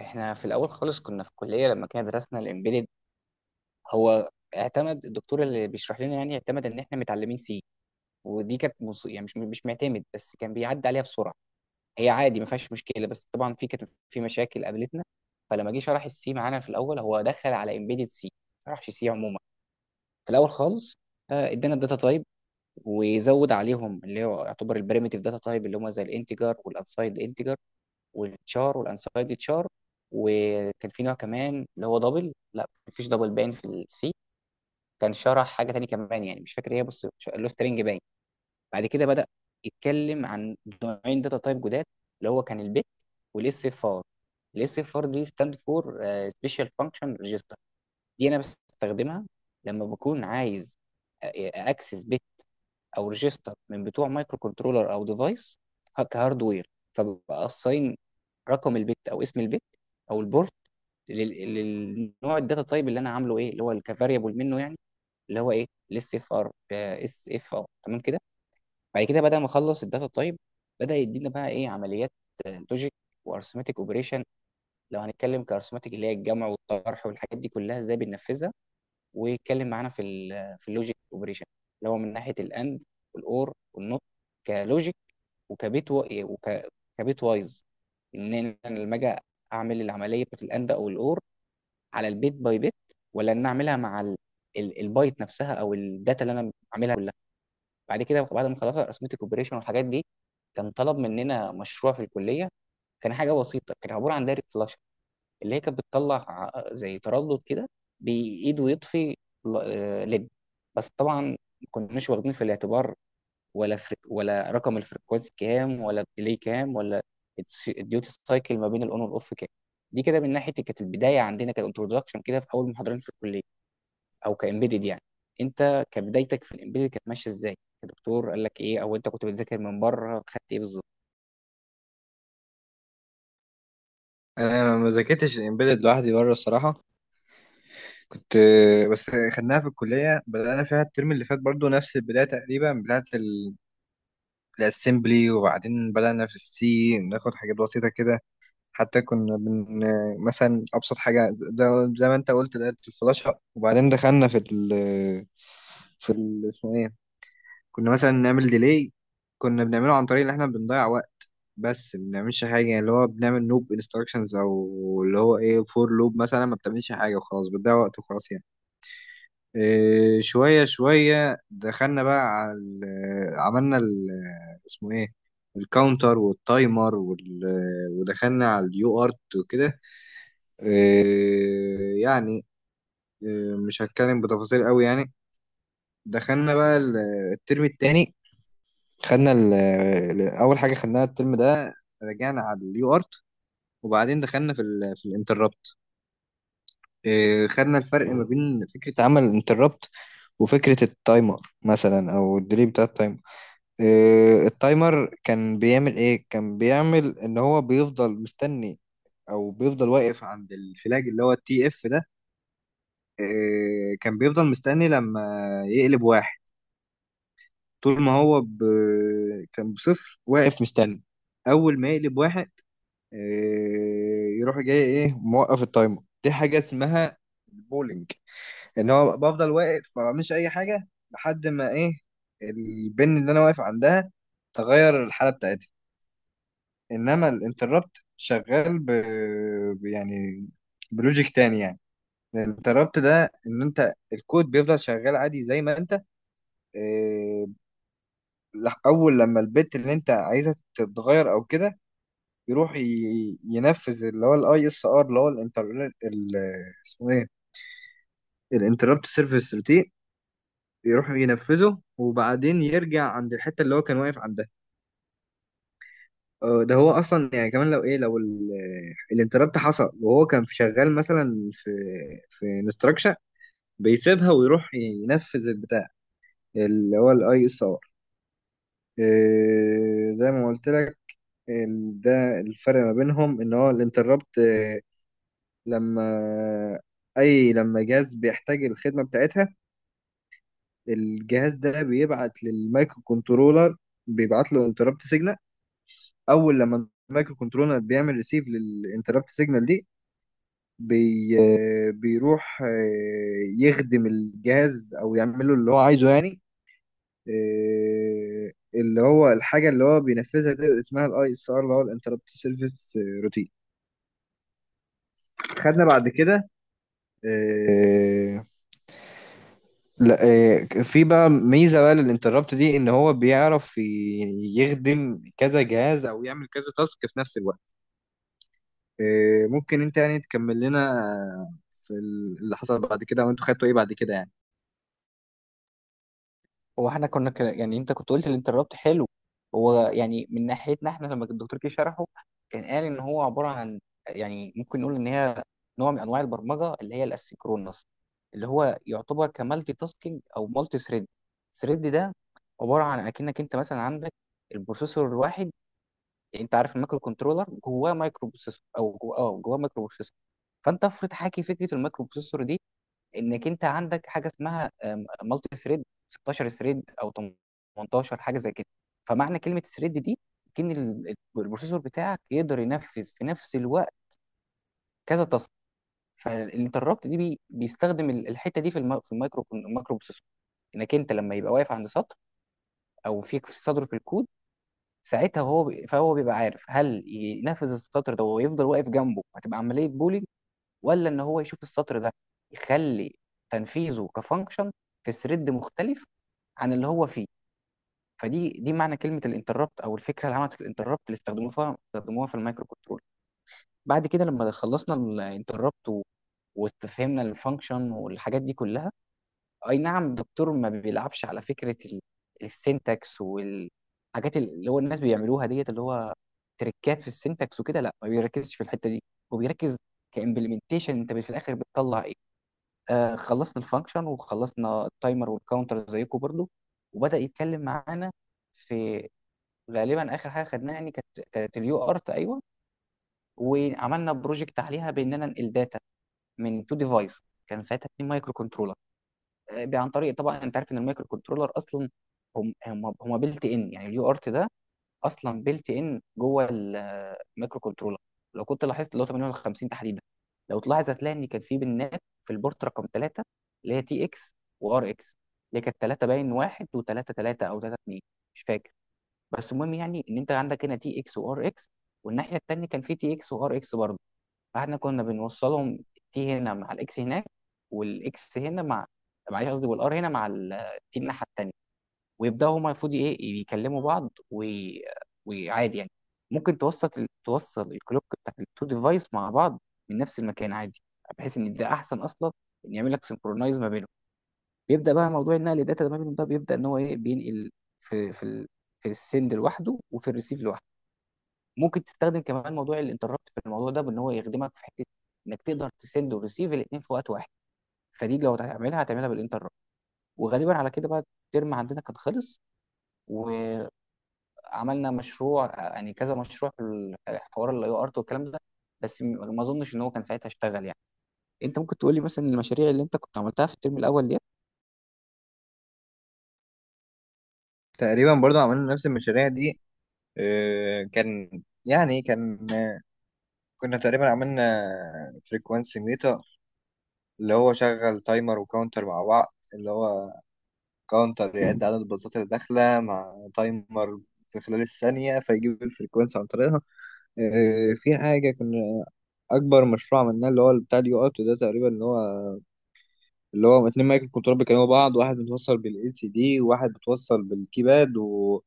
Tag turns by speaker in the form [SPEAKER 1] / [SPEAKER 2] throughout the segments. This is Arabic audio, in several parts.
[SPEAKER 1] احنا في الاول خالص كنا في الكليه لما كنا درسنا الامبيدد. هو اعتمد الدكتور اللي بيشرح لنا، يعني اعتمد ان احنا متعلمين سي. ودي كانت يعني مش معتمد، بس كان بيعدي عليها بسرعه. هي عادي ما فيهاش مشكله، بس طبعا كانت في مشاكل قابلتنا. فلما جه شرح السي معانا في الاول، هو دخل على امبيدد سي، ما شرحش سي عموما في الاول خالص. ادانا الداتا تايب، وزود عليهم اللي هو يعتبر البريمتيف داتا تايب، اللي هم زي الانتجر والانسايد انتجر والتشار والانسايد تشار. وكان في نوع كمان اللي هو دبل، لا مفيش دبل باين في السي. كان شرح حاجه تانية كمان، يعني مش فاكر ايه، بص اللي هو سترينج باين. بعد كده بدا يتكلم عن نوعين داتا تايب جداد، اللي هو كان البت والاس اف ار. الاس اف ار دي ستاند فور سبيشال فانكشن ريجستر. دي انا بستخدمها لما بكون عايز اكسس بت او ريجستر من بتوع مايكرو كنترولر او ديفايس كهاردوير. فبقى رقم البت او اسم البت او البورت للنوع الداتا تايب اللي انا عامله، ايه اللي هو كفاريبل منه يعني، اللي هو ايه الاس اف ار اس اف ار، تمام كده. بعد كده بعد ما اخلص الداتا تايب، بدا يدينا بقى ايه عمليات لوجيك وارثماتيك اوبريشن. لو هنتكلم كارثماتيك، اللي هي الجمع والطرح والحاجات دي كلها، ازاي بننفذها. ويتكلم معانا في ال في اللوجيك اوبريشن، اللي هو من ناحيه الاند والاور والنوت كلوجيك، وكبيت و... إيه، وك... كبيت وايز. ان انا لما اجي اعمل العمليه بتاعت الاند او الاور على البيت باي بيت، ولا ان اعملها مع البايت نفسها او الداتا اللي انا بعملها كلها. بعد كده بعد ما خلصت ارثمتك اوبريشن والحاجات دي، كان طلب مننا مشروع في الكليه. كان حاجه بسيطه، كان عباره عن دايره فلاش، اللي هي كانت بتطلع زي تردد كده، بايد ويطفي، ليد. بس طبعا ما كناش واخدين في الاعتبار ولا ولا رقم الفريكونسي كام، ولا الديلي كام، ولا الديوتي سايكل ما بين الاون والاوف كام. دي كده من ناحيه كانت البدايه عندنا، كانترودكشن كده في اول محاضرين في الكليه او كامبيدد يعني. انت كبدايتك في الامبيدد كانت ماشيه ازاي؟ الدكتور قال لك ايه، او انت كنت بتذاكر من بره خدت ايه بالظبط؟
[SPEAKER 2] انا ما ذاكرتش الامبيدد لوحدي بره الصراحه. كنت بس خدناها في الكليه، بدأنا فيها الترم اللي فات برضو نفس البدايه تقريبا بتاعه الاسمبلي، وبعدين بدأنا في السي ناخد حاجات بسيطه كده. حتى كنا بن مثلا ابسط حاجه زي ما انت قلت دايره الفلاشه، وبعدين دخلنا في ال في ال اسمه ايه، كنا مثلا نعمل ديلي. كنا بنعمله عن طريق ان احنا بنضيع وقت بس ما بنعملش حاجه، يعني اللي هو بنعمل لوب انستراكشنز او اللي هو ايه فور لوب، مثلا ما بتعملش حاجه وخلاص، بتضيع وقت وخلاص يعني. إيه، شويه شويه دخلنا بقى على عملنا ال اسمه ايه، الكاونتر والتايمر وال، ودخلنا على اليو ارت وكده. إيه يعني، إيه مش هتكلم بتفاصيل قوي يعني. دخلنا بقى الترم التاني، خدنا اول حاجه خدناها الترم ده رجعنا على اليو ارت، وبعدين دخلنا في ال في الانتربت. خدنا الفرق ما بين فكره عمل الانتربت وفكره التايمر مثلا، او الديلي بتاع التايمر. إيه، التايمر كان بيعمل ايه؟ كان بيعمل ان هو بيفضل مستني، او بيفضل واقف عند الفلاج اللي هو التي اف ده. إيه، كان بيفضل مستني لما يقلب واحد. طول ما هو ب... كان بصفر واقف مستني، اول ما يقلب واحد. إيه، يروح جاي ايه موقف التايمر، دي حاجه اسمها البولينج. ان هو بفضل واقف ما بعملش اي حاجه لحد ما ايه البن اللي انا واقف عندها تغير الحاله بتاعتها. انما الانتربت شغال يعني بلوجيك تاني يعني. الانتربت ده ان انت الكود بيفضل شغال عادي زي ما انت إيه، اول لما البت اللي انت عايزها تتغير او كده، يروح ينفذ اللي هو الاي اس ار اللي هو الانتر ال- اسمه ايه، الانتربت سيرفيس روتين. يروح ينفذه وبعدين يرجع عند الحته اللي هو كان واقف عندها. ده هو اصلا يعني، كمان لو ايه، لو الانتربت حصل وهو كان في شغال مثلا في في انستراكشن، بيسيبها ويروح ينفذ البتاع اللي هو الاي اس ار، زي ما قلت لك. ده الفرق ما بينهم، ان هو الانتربت لما اي لما جهاز بيحتاج الخدمه بتاعتها، الجهاز ده بيبعت للمايكرو كنترولر، بيبعت له انتربت سيجنال. اول لما المايكرو كنترولر بيعمل ريسيف للانتربت سيجنال دي، بي بيروح يخدم الجهاز او يعمل له اللي هو عايزه يعني. اللي هو الحاجه اللي هو بينفذها دي اسمها الاي اس ار اللي هو الانتربت سيرفيس روتين. خدنا بعد كده آه، لا، في بقى ميزة بقى للانتربت دي، ان هو بيعرف يخدم كذا جهاز او يعمل كذا تاسك في نفس الوقت. ممكن انت يعني تكمل لنا في اللي حصل بعد كده، وانتوا خدتوا ايه بعد كده يعني.
[SPEAKER 1] هو احنا كنا يعني انت كنت قلت الانترابت حلو. هو يعني من ناحيتنا احنا لما الدكتور كي شرحه، كان قال ان هو عباره عن، يعني ممكن نقول ان هي نوع من انواع البرمجه، اللي هي الاسيncronous، اللي هو يعتبر كمالتي تاسكينج او مالتي ثريد. ثريد ده عباره عن اكنك انت مثلا عندك البروسيسور الواحد. يعني انت عارف المايكرو كنترولر جواه مايكرو بروسيسور او جواه مايكرو بروسيسور. فانت افرض حاكي فكره المايكرو بروسيسور دي، انك انت عندك حاجه اسمها مالتي ثريد 16 ثريد او 18 حاجه زي كده. فمعنى كلمه ثريد دي، ان البروسيسور بتاعك يقدر ينفذ في نفس الوقت كذا تاسك. فالانتربت دي بيستخدم الحته دي في في المايكرو المايكرو بروسيسور، انك انت لما يبقى واقف عند سطر او في سطر في الكود، ساعتها هو بي- فهو بيبقى عارف هل ينفذ السطر ده ويفضل واقف جنبه، هتبقى عمليه بولينج، ولا ان هو يشوف السطر ده يخلي تنفيذه كفانكشن في ثريد مختلف عن اللي هو فيه. فدي معنى كلمه الانتربت، او الفكره اللي عملت الانتربت، اللي استخدموها في المايكرو كنترول. بعد كده لما خلصنا الانتربت واستفهمنا الفانكشن والحاجات دي كلها، اي نعم الدكتور ما بيلعبش على فكره السنتكس والحاجات اللي هو الناس بيعملوها ديت، اللي هو تريكات في السنتكس وكده، لا ما بيركزش في الحته دي. هو بيركز كامبلمنتيشن انت في الاخر بتطلع ايه. خلصنا الفانكشن وخلصنا التايمر والكاونتر زيكم برضو. وبدأ يتكلم معانا في، غالبا اخر حاجه خدناها يعني كانت اليو ارت ايوه. وعملنا بروجكت عليها باننا ننقل داتا من تو ديفايس، كان ساعتها اتنين مايكرو كنترولر. عن طريق طبعا انت عارف ان المايكرو كنترولر اصلا هم بيلت ان، يعني اليو ارت ده اصلا بيلت ان جوه الميكرو كنترولر. لو كنت لاحظت اللي هو 5850 تحديدا، لو تلاحظ هتلاقي ان كان في بنات في البورت رقم 3، اللي هي تي اكس وار اكس، اللي كانت 3 باين 1 و3 3 او 3 2، مش فاكر. بس المهم يعني ان انت عندك هنا تي اكس وار اكس، والناحيه الثانيه كان في تي اكس وار اكس برضه. فاحنا كنا بنوصلهم تي هنا مع الاكس هناك، والاكس هنا مع، معلش قصدي والار هنا مع التي الناحيه التانيه. ويبداوا هما المفروض ايه يكلموا بعض وعادي يعني. ممكن توسط توصل الكلوك بتاعت التو ديفايس مع بعض من نفس المكان عادي، بحيث ان ده احسن اصلا، ان يعمل لك سنكرونايز ما بينهم. بيبدا بقى موضوع النقل الداتا ما بينهم ده، بيبدا ان هو ايه بينقل، في في السند لوحده وفي الريسيف لوحده. ممكن تستخدم كمان موضوع الانتربت في الموضوع ده، بان هو يخدمك في حته انك تقدر تسند وريسيف الاثنين في وقت واحد. فدي لو هتعملها هتعملها بالانتربت. وغالبا على كده بقى الترم عندنا كان خلص. و عملنا مشروع، يعني كذا مشروع في حوار الاي ارت والكلام ده، بس ما اظنش ان هو كان ساعتها اشتغل يعني. انت ممكن تقولي مثلا المشاريع اللي انت كنت عملتها في الترم الاول دي.
[SPEAKER 2] تقريبا برضو عملنا نفس المشاريع دي. آه، كان يعني كان آه، كنا تقريبا عملنا فريكوانسي ميتر، اللي هو شغل تايمر وكاونتر مع بعض، اللي هو كاونتر يعد عدد الباصات اللي داخلة مع تايمر في خلال الثانية، فيجيب الفريكونسي عن طريقها. في حاجة كنا أكبر مشروع عملناه اللي هو بتاع اليو أوت ده تقريبا، اللي هو اتنين مايك كنترول بيكلموا بعض، واحد متوصل بالال سي دي وواحد متوصل بالكيباد،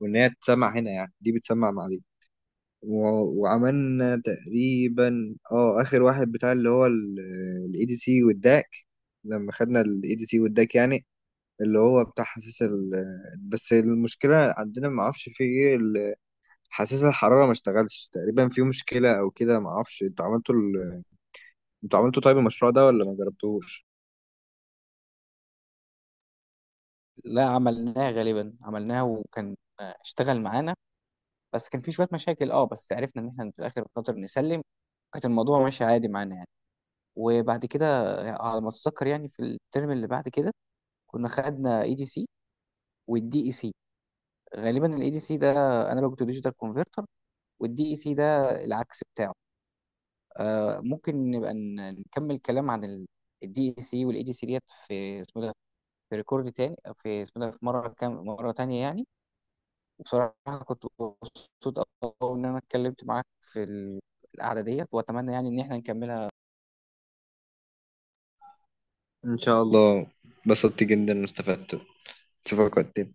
[SPEAKER 2] وإن هي تسمع هنا يعني، دي بتسمع مع دي. و... وعملنا تقريبا اه آخر واحد بتاع اللي هو الاي دي سي والداك. لما خدنا الاي دي سي والداك يعني، اللي هو بتاع حساس بس المشكلة عندنا ما اعرفش في ايه حساس الحرارة ما اشتغلش تقريبا، في مشكلة او كده ما اعرفش. انتوا عملتوا انتوا عملتوا طيب المشروع ده، ولا ما جربتوش؟
[SPEAKER 1] لا عملناها، غالبا عملناها وكان اشتغل معانا. بس كان في شويه مشاكل اه، بس عرفنا ان احنا في الاخر خاطر نسلم، كانت الموضوع ماشي عادي معانا يعني. وبعد كده على ما اتذكر يعني في الترم اللي بعد كده كنا خدنا اي دي سي والدي اي سي. غالبا الاي دي سي ده انالوج تو ديجيتال كونفرتر، والدي اي سي ده العكس بتاعه. ممكن نبقى نكمل كلام عن الدي اي سي والاي دي سي ديت في اسمه ده، في ريكورد تاني في اسمه ده، في مره كام مره تانية يعني. وبصراحه كنت مبسوط قوي ان انا اتكلمت معاك في القعده ديت، واتمنى يعني ان احنا نكملها.
[SPEAKER 2] ان شاء الله، بس اشوفك وقت تاني.